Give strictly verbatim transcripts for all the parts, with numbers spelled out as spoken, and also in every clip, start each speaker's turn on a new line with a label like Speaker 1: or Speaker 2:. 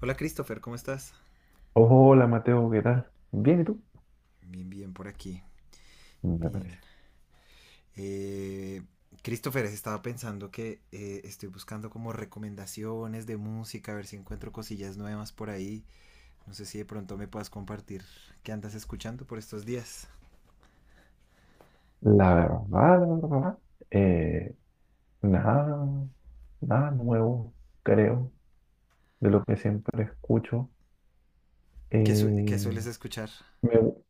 Speaker 1: Hola Christopher, ¿cómo estás?
Speaker 2: Hola Mateo, ¿qué tal? Bien, ¿y tú?
Speaker 1: Bien, bien, por aquí.
Speaker 2: Me parece.
Speaker 1: Bien. Eh, Christopher, estaba pensando que eh, estoy buscando como recomendaciones de música, a ver si encuentro cosillas nuevas por ahí. No sé si de pronto me puedas compartir qué andas escuchando por estos días.
Speaker 2: La verdad, la verdad, eh, Nada, nada nuevo, creo, de lo que siempre escucho.
Speaker 1: ¿Qué, su- qué
Speaker 2: Eh,
Speaker 1: sueles escuchar?
Speaker 2: me, gu-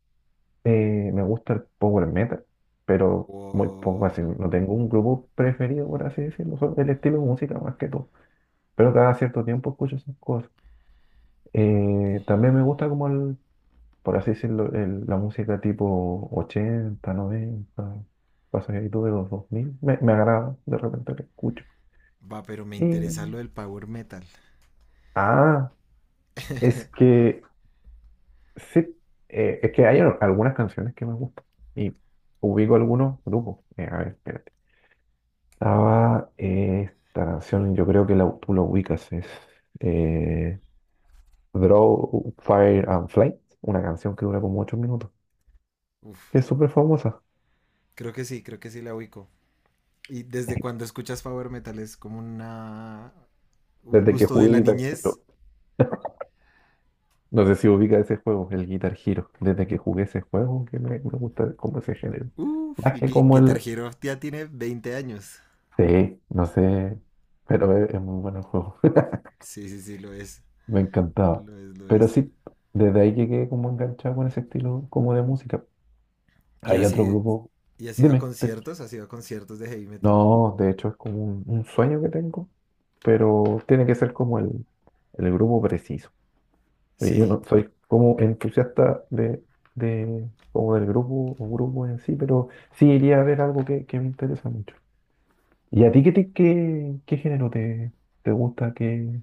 Speaker 2: eh, Me gusta el power metal, pero muy poco,
Speaker 1: Wow.
Speaker 2: así, no tengo un grupo preferido, por así decirlo, solo el estilo de música más que todo. Pero cada cierto tiempo escucho esas cosas. Eh, también me gusta como el, por así decirlo, el- la música tipo ochenta, noventa, pasadito de los dos mil me, me agrada de repente que escucho.
Speaker 1: Va, pero me interesa
Speaker 2: Y,
Speaker 1: lo del power metal.
Speaker 2: ah, es que sí, eh, es que hay al- algunas canciones que me gustan y ubico algunos grupos. Eh, a ver, espérate. Estaba, eh, esta canción, yo creo que la, tú la ubicas, es, eh, Draw, Fire and Flight, una canción que dura como ocho minutos, que
Speaker 1: Uf,
Speaker 2: es súper famosa.
Speaker 1: creo que sí, creo que sí la ubico. ¿Y desde cuando escuchas power metal? ¿Es como una, un
Speaker 2: Desde que
Speaker 1: gusto de
Speaker 2: jugué
Speaker 1: la
Speaker 2: guitarra.
Speaker 1: niñez?
Speaker 2: No sé si ubica ese juego, el Guitar Hero. Desde que jugué ese juego, que me, me gusta como ese género.
Speaker 1: Uf,
Speaker 2: Más
Speaker 1: y
Speaker 2: que
Speaker 1: Gui-
Speaker 2: como
Speaker 1: Guitar
Speaker 2: el...
Speaker 1: Hero ya tiene veinte años.
Speaker 2: Sí, no sé, pero es, es muy bueno el juego.
Speaker 1: Sí, sí, sí, lo es.
Speaker 2: Me encantaba.
Speaker 1: Lo es, lo
Speaker 2: Pero
Speaker 1: es.
Speaker 2: sí, desde ahí llegué como enganchado con ese estilo como de música.
Speaker 1: Y
Speaker 2: Hay otro
Speaker 1: así,
Speaker 2: grupo.
Speaker 1: y así va a
Speaker 2: Dime. te-
Speaker 1: conciertos, así va a conciertos de heavy metal.
Speaker 2: No, de hecho es como un, un sueño que tengo, pero tiene que ser como el, el grupo preciso. Y yo
Speaker 1: Sí,
Speaker 2: no soy como entusiasta de, de como del grupo o grupo en sí, pero sí iría a ver algo que, que me interesa mucho. ¿Y a ti qué, te- qué, qué género te, te gusta? ¿Qué,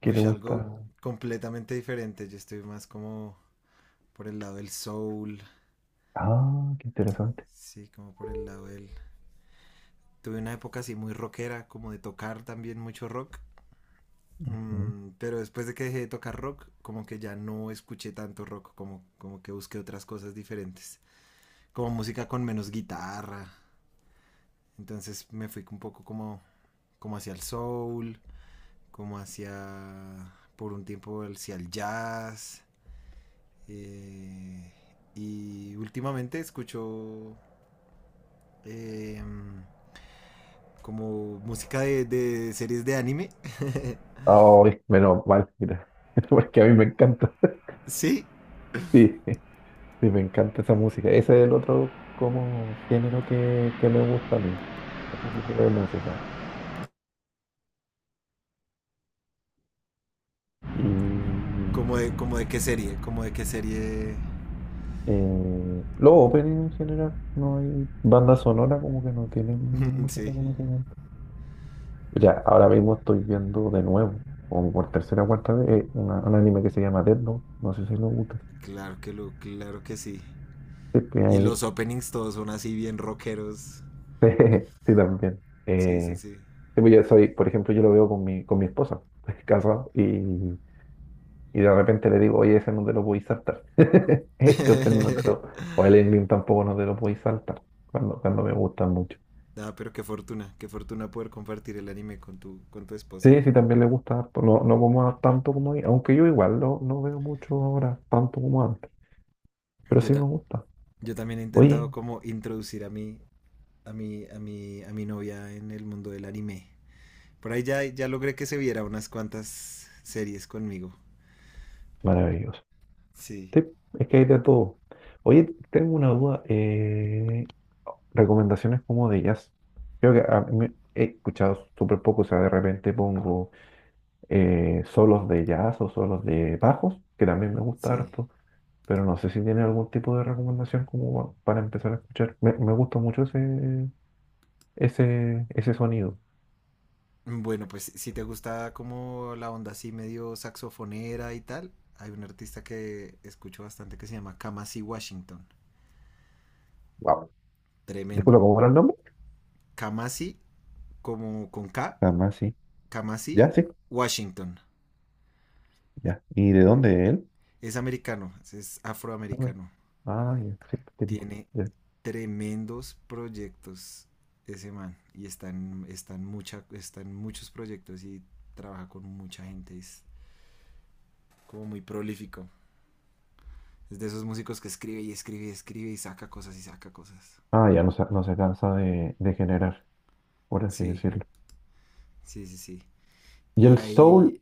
Speaker 2: ¿Qué
Speaker 1: uy,
Speaker 2: te
Speaker 1: algo
Speaker 2: gusta?
Speaker 1: completamente diferente. Yo estoy más como por el lado del soul.
Speaker 2: Ah, qué interesante.
Speaker 1: Sí, como por el lado del. Tuve una época así muy rockera, como de tocar también mucho rock.
Speaker 2: Mm.
Speaker 1: Mm, pero después de que dejé de tocar rock, como que ya no escuché tanto rock, como, como que busqué otras cosas diferentes. Como música con menos guitarra, entonces me fui un poco como, como hacia el soul, como hacia, por un tiempo, hacia el jazz. eh, y últimamente escucho eh, como música de, de series de anime.
Speaker 2: Ay, menos mal, mira, porque a mí me encanta.
Speaker 1: Sí,
Speaker 2: Sí, sí, me encanta esa música. Ese es el otro como género que, que me gusta a mí, ese tipo de música. Y,
Speaker 1: como de, como de qué serie, como de qué serie.
Speaker 2: Eh, los opening en general, no hay banda sonora como que no tienen mucho
Speaker 1: Sí,
Speaker 2: reconocimiento. Ya, ahora mismo estoy viendo de nuevo, como por tercera o cuarta vez, eh, una- un anime que se llama Death Note. No sé si lo gusta.
Speaker 1: claro que lo, claro que sí.
Speaker 2: Sí, pues,
Speaker 1: Y
Speaker 2: ahí-
Speaker 1: los openings todos son así bien rockeros.
Speaker 2: sí, también.
Speaker 1: Sí, sí,
Speaker 2: Eh,
Speaker 1: sí.
Speaker 2: sí, pues, yo soy, por ejemplo, yo lo veo con mi, con mi esposa, casado, y, y de repente le digo, oye, ese no te lo podéis saltar. Ese opening no te lo, o el ending tampoco no te lo podéis saltar, cuando, cuando me gustan mucho.
Speaker 1: Ah, pero qué fortuna, qué fortuna poder compartir el anime con tu, con tu esposa.
Speaker 2: Sí, sí, también le gusta harto. No, no como a- tanto como ahí, aunque yo igual no, no veo mucho ahora, tanto como antes, pero
Speaker 1: Yo,
Speaker 2: sí me
Speaker 1: ta-
Speaker 2: gusta.
Speaker 1: yo también he intentado
Speaker 2: Oye,
Speaker 1: como introducir a mi, a mi, a mi, a mi novia en el mundo del anime. Por ahí ya, ya logré que se viera unas cuantas series conmigo.
Speaker 2: maravilloso.
Speaker 1: Sí,
Speaker 2: Sí, es que hay de todo. Oye, tengo una duda. Eh, recomendaciones como de jazz. Creo que a mí he escuchado súper poco, o sea, de repente pongo, eh, solos de jazz o solos de bajos, que también me gusta
Speaker 1: sí.
Speaker 2: harto, pero no sé si tiene algún tipo de recomendación como pa- para empezar a escuchar. Me, me gusta mucho ese, ese, ese sonido.
Speaker 1: Bueno, pues si te gusta como la onda así medio saxofonera y tal, hay un artista que escucho bastante que se llama Kamasi Washington.
Speaker 2: Wow.
Speaker 1: Tremendo.
Speaker 2: Disculpa, ¿cómo era el nombre?
Speaker 1: Kamasi como con K,
Speaker 2: Jamás sí.
Speaker 1: Kamasi
Speaker 2: Ya, sí,
Speaker 1: Washington.
Speaker 2: ya. ¿Y de dónde es él?
Speaker 1: Es americano, es
Speaker 2: A ver.
Speaker 1: afroamericano.
Speaker 2: Ah, ya, sí, típico.
Speaker 1: Tiene
Speaker 2: Ya.
Speaker 1: tremendos proyectos ese man. Y está en, está en mucha, está en muchos proyectos y trabaja con mucha gente. Es como muy prolífico. Es de esos músicos que escribe y escribe y escribe y saca cosas y saca cosas.
Speaker 2: Ah, ya no se, no se cansa de, de generar, por así
Speaker 1: Sí,
Speaker 2: decirlo.
Speaker 1: sí, sí, sí.
Speaker 2: ¿Y
Speaker 1: Y
Speaker 2: el
Speaker 1: ahí,
Speaker 2: soul,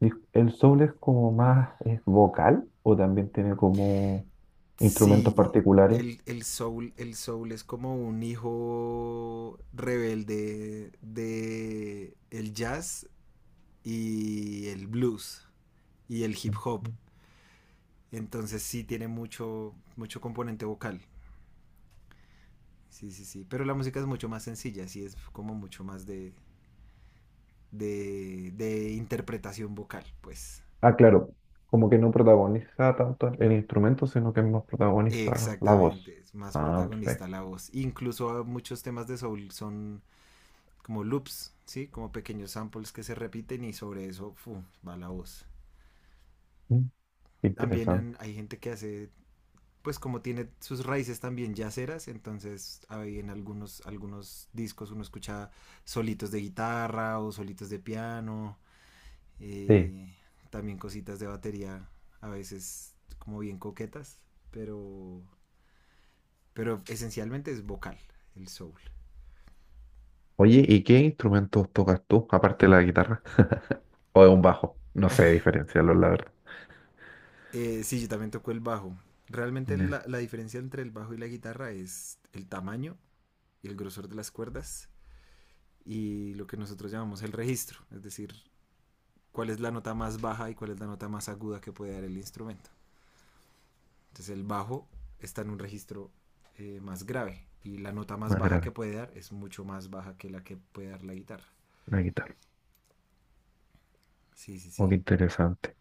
Speaker 2: dis- el soul es como más, es vocal o también tiene como instrumentos
Speaker 1: sí,
Speaker 2: particulares?
Speaker 1: el, el soul, el soul es como un hijo rebelde de el jazz y el blues y el hip hop.
Speaker 2: Ujú.
Speaker 1: Entonces sí tiene mucho, mucho componente vocal. Sí, sí, sí. Pero la música es mucho más sencilla, sí es como mucho más de, de, de interpretación vocal, pues.
Speaker 2: Ah, claro, como que no protagoniza tanto el instrumento, sino que es más protagonista la voz.
Speaker 1: Exactamente, es más
Speaker 2: Ah,
Speaker 1: protagonista
Speaker 2: perfecto.
Speaker 1: la voz. Incluso muchos temas de soul son como loops, ¿sí? Como pequeños samples que se repiten y sobre eso fu, va la voz.
Speaker 2: Mm,
Speaker 1: También
Speaker 2: interesante.
Speaker 1: en- hay gente que hace pues como tiene sus raíces también yaceras, entonces hay en algunos, algunos discos uno escucha solitos de guitarra o solitos de piano,
Speaker 2: Sí.
Speaker 1: eh, también cositas de batería a veces como bien coquetas, pero, pero esencialmente es vocal el soul.
Speaker 2: Oye, ¿y qué instrumentos tocas tú, aparte de la guitarra? O de un bajo. No sé diferenciarlos, la verdad.
Speaker 1: Eh, sí, yo también toco el bajo. Realmente la,
Speaker 2: Ya,
Speaker 1: la diferencia entre el bajo y la guitarra es el tamaño y el grosor de las cuerdas y lo que nosotros llamamos el registro, es decir, cuál es la nota más baja y cuál es la nota más aguda que puede dar el instrumento. Entonces el bajo está en un registro eh, más grave y la nota más
Speaker 2: más
Speaker 1: baja que
Speaker 2: grave,
Speaker 1: puede dar es mucho más baja que la que puede dar la guitarra.
Speaker 2: la guitarra.
Speaker 1: Sí, sí,
Speaker 2: Oh,
Speaker 1: sí.
Speaker 2: qué interesante.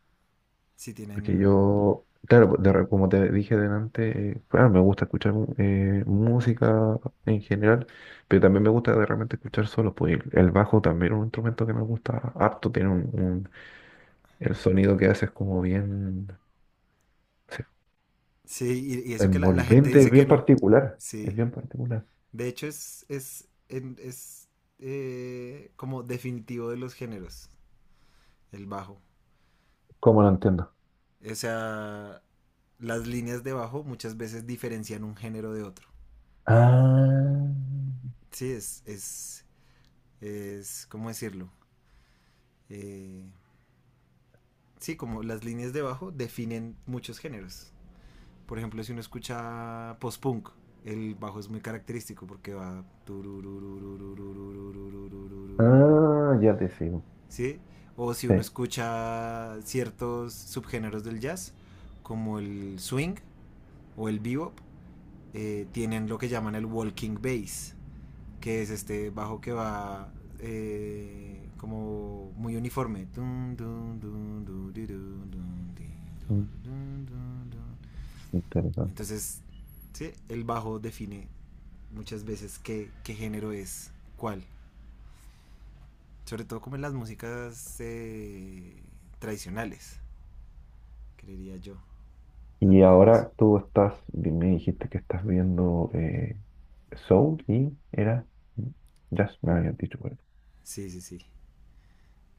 Speaker 1: Sí
Speaker 2: Porque
Speaker 1: tienen...
Speaker 2: yo, claro, pues, de re- como te dije delante, eh, claro, me gusta escuchar mu- eh, música en general, pero también me gusta de repente escuchar solos. Pues el el bajo también es un instrumento que me gusta harto, tiene un, un- el sonido que hace es como bien no
Speaker 1: Sí, y, y eso que la, la, gente
Speaker 2: envolvente, es
Speaker 1: dice que
Speaker 2: bien
Speaker 1: no.
Speaker 2: particular, es
Speaker 1: Sí.
Speaker 2: bien particular.
Speaker 1: De hecho es, es, en, es eh, como definitivo de los géneros, el bajo.
Speaker 2: ¿Cómo lo entiendo?
Speaker 1: O sea, las líneas de bajo muchas veces diferencian un género de otro.
Speaker 2: Ah.
Speaker 1: Sí, es, es es, ¿cómo decirlo? Eh, sí, como las líneas de bajo definen muchos géneros. Por ejemplo, si uno escucha post-punk, el bajo es muy característico porque va...
Speaker 2: Ah, ya te sigo.
Speaker 1: ¿Sí? O si uno
Speaker 2: Sí.
Speaker 1: escucha ciertos subgéneros del jazz, como el swing o el bebop, eh, tienen lo que llaman el walking bass que es este bajo que va eh, como muy uniforme.
Speaker 2: Mm, interesante.
Speaker 1: Entonces, ¿sí? El bajo define muchas veces qué, qué género es cuál. Sobre todo como en las músicas eh, tradicionales, creería yo
Speaker 2: Y
Speaker 1: también eso.
Speaker 2: ahora tú estás, di- me dijiste que estás viendo, eh, Soul y era, mm, Jazz, me habías dicho por eso.
Speaker 1: Sí, sí, sí.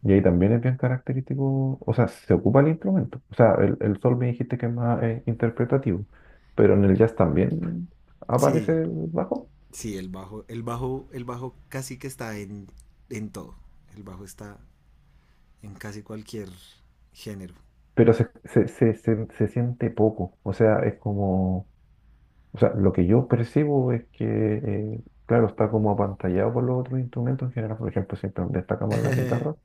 Speaker 2: Y ahí también es bien característico, o sea, se ocupa el instrumento. O sea, el, el soul me dijiste que es más, eh, interpretativo, pero en el jazz también aparece
Speaker 1: Sí,
Speaker 2: el bajo,
Speaker 1: sí, el bajo, el bajo, el bajo casi que está en, en todo. El bajo está en casi cualquier género.
Speaker 2: pero se, se, se, se, se siente poco. O sea, es como, o sea, lo que yo percibo es que, eh, claro, está como apantallado por los otros instrumentos en general. Por ejemplo, siempre destacamos la guitarra,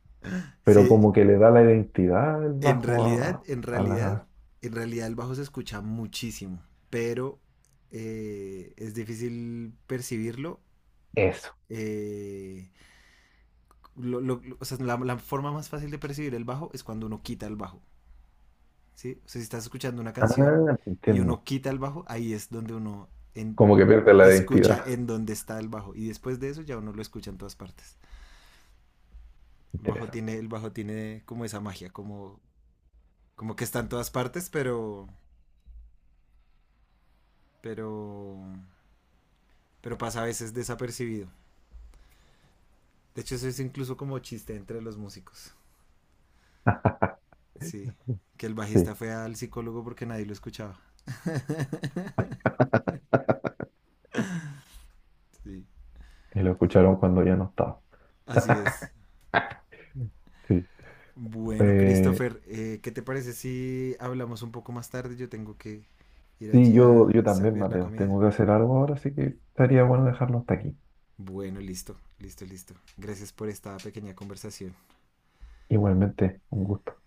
Speaker 2: pero
Speaker 1: Sí,
Speaker 2: como que le da la identidad el
Speaker 1: en
Speaker 2: bajo
Speaker 1: realidad,
Speaker 2: a,
Speaker 1: en
Speaker 2: a
Speaker 1: realidad,
Speaker 2: la...
Speaker 1: en realidad el bajo se escucha muchísimo, pero eh, es difícil percibirlo.
Speaker 2: Eso.
Speaker 1: eh, lo- lo- lo- o sea, la, la forma más fácil de percibir el bajo es cuando uno quita el bajo, ¿sí? O sea, si estás escuchando una
Speaker 2: Ah,
Speaker 1: canción
Speaker 2: te
Speaker 1: y
Speaker 2: entiendo.
Speaker 1: uno quita el bajo, ahí es donde uno en-
Speaker 2: Como que pierde la
Speaker 1: escucha
Speaker 2: identidad.
Speaker 1: en dónde está el bajo y después de eso ya uno lo escucha en todas partes. El bajo tiene,
Speaker 2: Interesante.
Speaker 1: el bajo tiene como esa magia, como como que está en todas partes, pero, pero, pero pasa a veces desapercibido. De hecho, eso es incluso como chiste entre los músicos. Sí, que el
Speaker 2: Sí,
Speaker 1: bajista fue al psicólogo porque nadie lo escuchaba. Sí,
Speaker 2: y lo escucharon cuando ya no estaba.
Speaker 1: así es.
Speaker 2: Sí.
Speaker 1: Bueno,
Speaker 2: Eh,
Speaker 1: Christopher, eh, ¿qué te parece si hablamos un poco más tarde? Yo tengo que ir
Speaker 2: sí,
Speaker 1: allí a
Speaker 2: yo, yo también,
Speaker 1: servir la
Speaker 2: Mateo,
Speaker 1: comida.
Speaker 2: tengo que hacer algo ahora, así que estaría bueno dejarlo hasta aquí.
Speaker 1: Bueno, listo, listo, listo. Gracias por esta pequeña conversación.
Speaker 2: Igualmente, un gusto.